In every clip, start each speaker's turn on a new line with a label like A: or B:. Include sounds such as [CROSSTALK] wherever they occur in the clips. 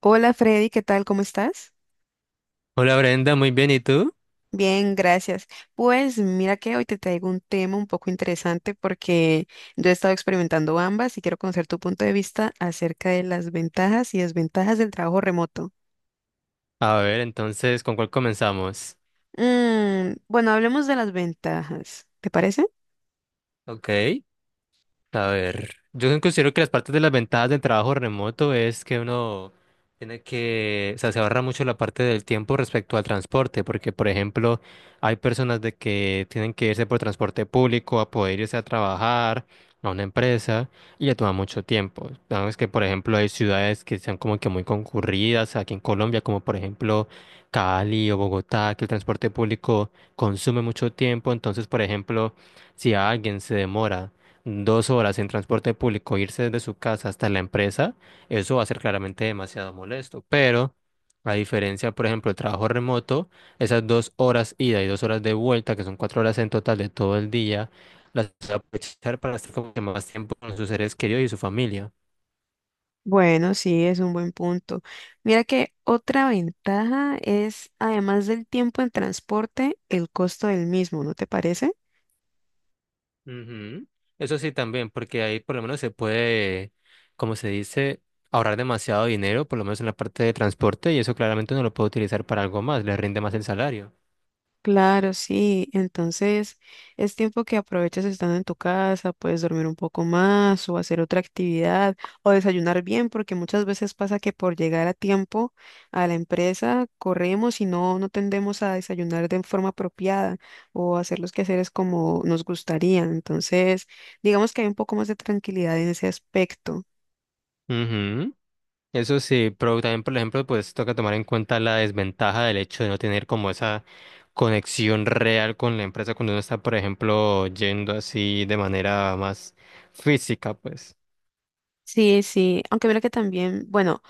A: Hola Freddy, ¿qué tal? ¿Cómo estás?
B: Hola Brenda, muy bien, ¿y tú?
A: Bien, gracias. Pues mira que hoy te traigo un tema un poco interesante porque yo he estado experimentando ambas y quiero conocer tu punto de vista acerca de las ventajas y desventajas del trabajo remoto.
B: A ver, entonces, ¿con cuál comenzamos?
A: Bueno, hablemos de las ventajas, ¿te parece?
B: Ok. A ver, yo considero que las partes de las ventajas del trabajo remoto es que uno tiene que, o sea, se ahorra mucho la parte del tiempo respecto al transporte, porque por ejemplo, hay personas de que tienen que irse por transporte público a poder irse a trabajar a una empresa y le toma mucho tiempo. Sabes que por ejemplo hay ciudades que sean como que muy concurridas aquí en Colombia, como por ejemplo Cali o Bogotá, que el transporte público consume mucho tiempo, entonces por ejemplo, si alguien se demora dos horas en transporte público, irse desde su casa hasta la empresa, eso va a ser claramente demasiado molesto. Pero, a diferencia, por ejemplo, del trabajo remoto, esas dos horas ida y dos horas de vuelta, que son cuatro horas en total de todo el día, las va a aprovechar para estar como que más tiempo con sus seres queridos y su familia.
A: Bueno, sí, es un buen punto. Mira que otra ventaja es, además del tiempo en transporte, el costo del mismo, ¿no te parece?
B: Ujú. Eso sí también, porque ahí por lo menos se puede, como se dice, ahorrar demasiado dinero, por lo menos en la parte de transporte, y eso claramente uno lo puede utilizar para algo más, le rinde más el salario.
A: Claro, sí. Entonces, es tiempo que aproveches estando en tu casa, puedes dormir un poco más o hacer otra actividad o desayunar bien, porque muchas veces pasa que por llegar a tiempo a la empresa corremos y no, no tendemos a desayunar de forma apropiada o hacer los quehaceres como nos gustaría. Entonces, digamos que hay un poco más de tranquilidad en ese aspecto.
B: Ujú. Eso sí, pero también, por ejemplo, pues toca tomar en cuenta la desventaja del hecho de no tener como esa conexión real con la empresa cuando uno está, por ejemplo, yendo así de manera más física, pues.
A: Sí, sí, aunque mira que también, bueno,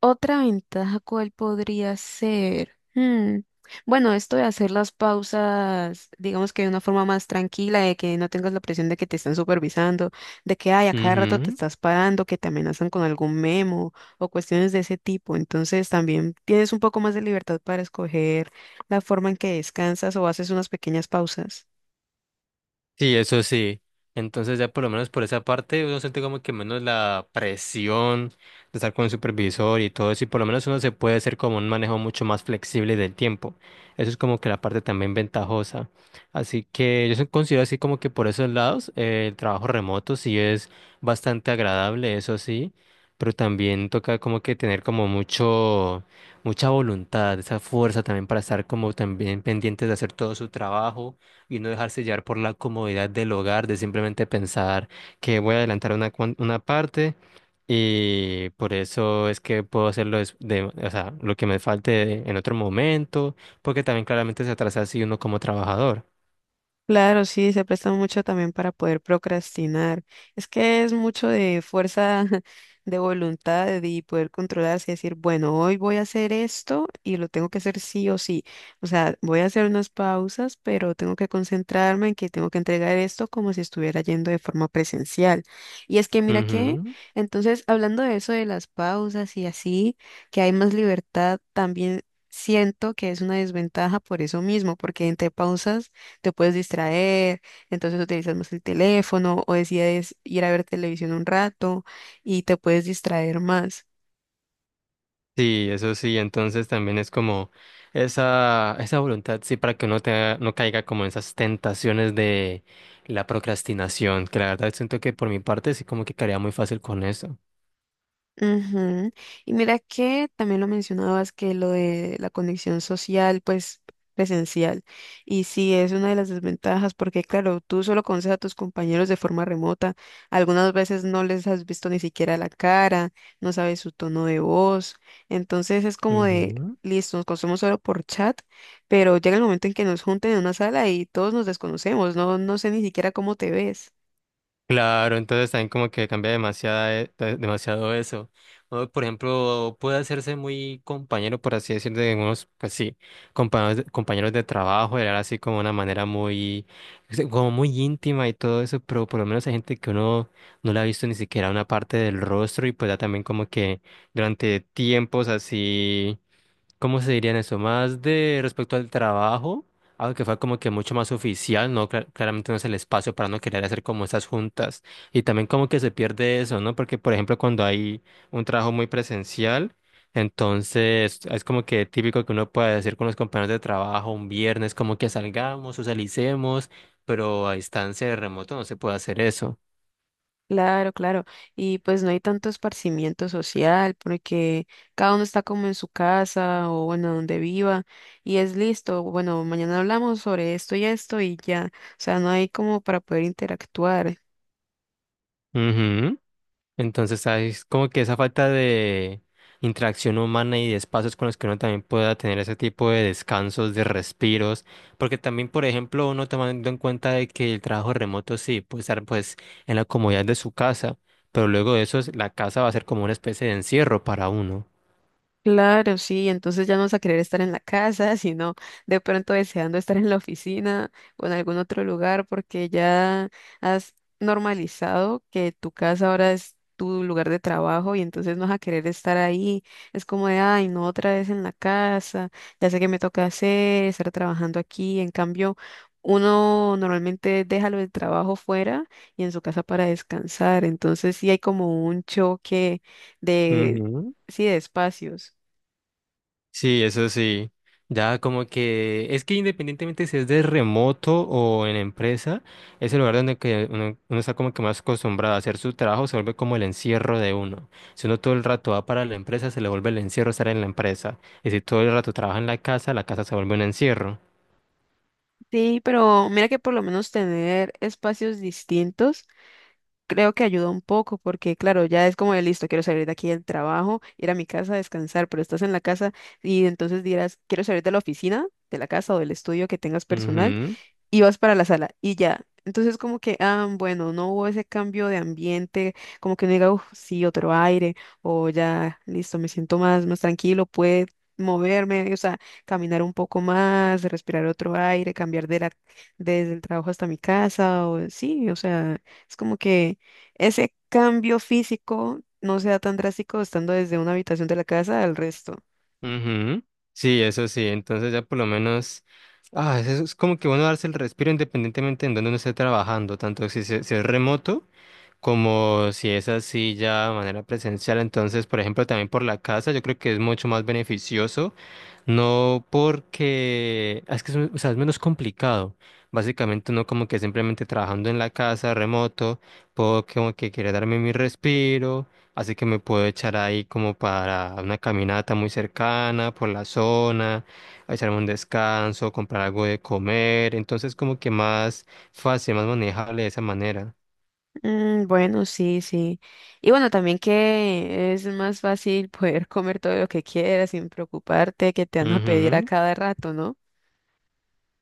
A: otra ventaja cuál podría ser. Bueno, esto de hacer las pausas, digamos que de una forma más tranquila, de que no tengas la presión de que te están supervisando, de que ay, a cada rato te
B: Ujú.
A: estás parando, que te amenazan con algún memo o cuestiones de ese tipo. Entonces también tienes un poco más de libertad para escoger la forma en que descansas o haces unas pequeñas pausas.
B: Sí, eso sí. Entonces ya por lo menos por esa parte uno siente como que menos la presión de estar con el supervisor y todo eso y por lo menos uno se puede hacer como un manejo mucho más flexible del tiempo. Eso es como que la parte también ventajosa. Así que yo considero así como que por esos lados el trabajo remoto sí es bastante agradable, eso sí, pero también toca como que tener como mucha voluntad, esa fuerza también para estar como también pendientes de hacer todo su trabajo y no dejarse llevar por la comodidad del hogar, de simplemente pensar que voy a adelantar una parte y por eso es que puedo hacerlo des- de, o sea, lo que me falte en otro momento, porque también claramente se atrasa así uno como trabajador.
A: Claro, sí, se presta mucho también para poder procrastinar. Es que es mucho de fuerza [LAUGHS] de voluntad y poder controlarse y decir, bueno, hoy voy a hacer esto y lo tengo que hacer sí o sí. O sea, voy a hacer unas pausas, pero tengo que concentrarme en que tengo que entregar esto como si estuviera yendo de forma presencial. Y es que mira que,
B: Ujú.
A: entonces, hablando de eso de las pausas y así, que hay más libertad, también siento que es una desventaja por eso mismo, porque entre pausas te puedes distraer, entonces utilizas más el teléfono o decides ir a ver televisión un rato y te puedes distraer más.
B: Sí, eso sí, entonces también es como esa voluntad, sí, para que no caiga como en esas tentaciones de la procrastinación, que la verdad siento que por mi parte sí como que caería muy fácil con eso.
A: Ujú. Y mira que también lo mencionabas que lo de la conexión social, pues presencial. Y sí, es una de las desventajas porque, claro, tú solo conoces a tus compañeros de forma remota. Algunas veces no les has visto ni siquiera la cara, no sabes su tono de voz. Entonces es como de,
B: Ujú.
A: listo, nos conocemos solo por chat, pero llega el momento en que nos junten en una sala y todos nos desconocemos. No, no sé ni siquiera cómo te ves.
B: Claro, entonces también como que cambia demasiado eso. O, por ejemplo, puede hacerse muy compañero, por así decirlo, de unos, pues sí, compañeros de trabajo, era así como una manera muy, sí, como muy íntima y todo eso, pero por lo menos hay gente que uno no le ha visto ni siquiera una parte del rostro y pues ya también como que durante tiempos así. ¿Cómo se diría en eso? Más de respecto al trabajo, algo que fue como que mucho más oficial, ¿no? Claramente no es el espacio para no querer hacer como esas juntas. Y también como que se pierde eso, ¿no? Porque, por ejemplo, cuando hay un trabajo muy presencial, entonces es como que típico que uno puede decir con los compañeros de trabajo un viernes, como que salgamos, socialicemos, pero a distancia de remoto no se puede hacer eso.
A: Claro, claro. Y pues no hay tanto esparcimiento social porque cada uno está como en su casa o bueno, donde viva y es listo. Bueno, mañana hablamos sobre esto y esto y ya. O sea, no hay como para poder interactuar.
B: Ujú. Entonces, es como que esa falta de interacción humana y de espacios con los que uno también pueda tener ese tipo de descansos, de respiros, porque también, por ejemplo, uno tomando en cuenta de que el trabajo remoto sí puede estar pues en la comodidad de su casa, pero luego de eso la casa va a ser como una especie de encierro para uno.
A: Claro, sí, entonces ya no vas a querer estar en la casa, [LAUGHS] sino de pronto deseando estar en la oficina o en algún otro lugar, porque ya has normalizado que tu casa ahora es tu lugar de trabajo y entonces no vas a querer estar ahí. Es como de, ay, no otra vez en la casa, ya sé qué me toca hacer, estar trabajando aquí. En cambio, uno normalmente deja lo del trabajo fuera y en su casa para descansar, entonces sí hay como un choque de, sí, de espacios.
B: Sí, eso sí. Ya como que es que independientemente si es de remoto o en empresa, es el lugar donde que uno está como que más acostumbrado a hacer su trabajo, se vuelve como el encierro de uno. Si uno todo el rato va para la empresa, se le vuelve el encierro estar en la empresa. Y si todo el rato trabaja en la casa se vuelve un encierro.
A: Sí, pero mira que por lo menos tener espacios distintos creo que ayuda un poco, porque claro, ya es como de listo, quiero salir de aquí del trabajo, ir a mi casa a descansar, pero estás en la casa y entonces dirás, quiero salir de la oficina, de la casa o del estudio que tengas personal
B: Ujú,
A: y vas para la sala y ya. Entonces como que, ah, bueno, no hubo ese cambio de ambiente, como que no diga, uff, sí, otro aire, o ya, listo, me siento más, más tranquilo, puedo moverme, o sea, caminar un poco más, respirar otro aire, cambiar de la, desde el trabajo hasta mi casa, o sí, o sea, es como que ese cambio físico no sea tan drástico estando desde una habitación de la casa al resto.
B: ujú. Sí, eso sí. Entonces ya por lo menos... Ah, eso es como que bueno darse el respiro independientemente en donde uno esté trabajando, tanto si es remoto. Como si es así ya de manera presencial, entonces, por ejemplo, también por la casa, yo creo que es mucho más beneficioso, no porque, ah, es que es, o sea, es menos complicado. Básicamente uno como que simplemente trabajando en la casa, remoto, puedo como que quiere darme mi respiro, así que me puedo echar ahí como para una caminata muy cercana por la zona, a echarme un descanso, comprar algo de comer, entonces como que más fácil, más manejable de esa manera.
A: Bueno, sí, sí. Y bueno, también que es más fácil poder comer todo lo que quieras sin preocuparte que te van a pedir a
B: Ujú.
A: cada rato, ¿no?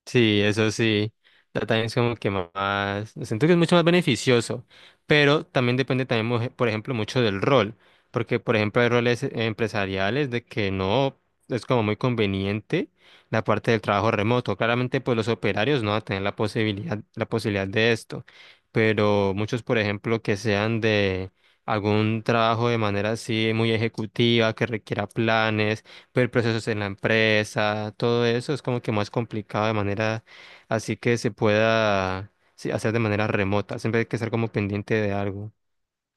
B: Sí, eso sí. También es como que más, siento que es mucho más beneficioso, pero también depende también, por ejemplo, mucho del rol, porque, por ejemplo, hay roles empresariales de que no es como muy conveniente la parte del trabajo remoto. Claramente, pues los operarios no van a tener la posibilidad de esto, pero muchos, por ejemplo, que sean de algún trabajo de manera así muy ejecutiva, que requiera planes el proceso en la empresa, todo eso es como que más complicado de manera así que se pueda sí, hacer de manera remota. Siempre hay que estar como pendiente de algo.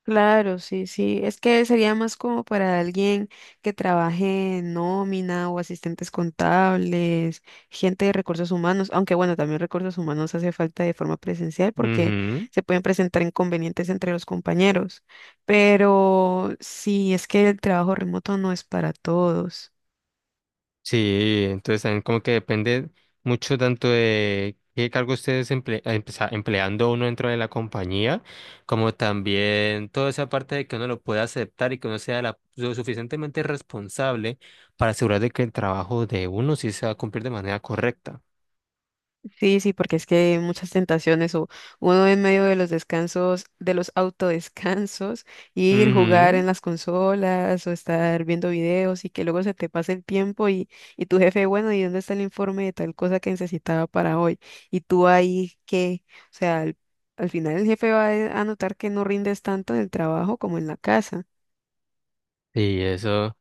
A: Claro, sí, sí. Es que sería más como para alguien que trabaje en nómina o asistentes contables, gente de recursos humanos, aunque bueno, también recursos humanos hace falta de forma presencial porque
B: Ujú.
A: se pueden presentar inconvenientes entre los compañeros. Pero sí, es que el trabajo remoto no es para todos.
B: Sí, entonces también como que depende mucho tanto de qué cargo ustedes pues, empleando uno dentro de la compañía, como también toda esa parte de que uno lo pueda aceptar y que uno sea lo suficientemente responsable para asegurar de que el trabajo de uno sí se va a cumplir de manera correcta.
A: Sí, sí, porque es que hay muchas tentaciones o uno en medio de los descansos, de los autodescansos, ir jugar en
B: Ujú.
A: las consolas o estar viendo videos y que luego se te pase el tiempo y tu jefe, bueno, ¿y dónde está el informe de tal cosa que necesitaba para hoy? Y tú ahí que, o sea, al final el jefe va a notar que no rindes tanto en el trabajo como en la casa.
B: Y eso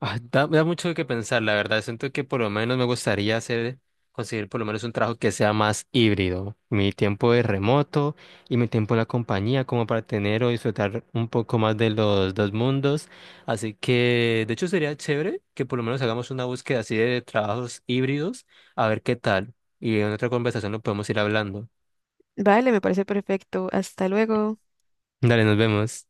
B: da mucho que pensar, la verdad. Siento que por lo menos me gustaría hacer, conseguir por lo menos un trabajo que sea más híbrido. Mi tiempo de remoto y mi tiempo en la compañía, como para tener o disfrutar un poco más de los dos mundos. Así que, de hecho, sería chévere que por lo menos hagamos una búsqueda así de trabajos híbridos, a ver qué tal. Y en otra conversación lo podemos ir hablando.
A: Vale, me parece perfecto. Hasta luego.
B: Dale, nos vemos.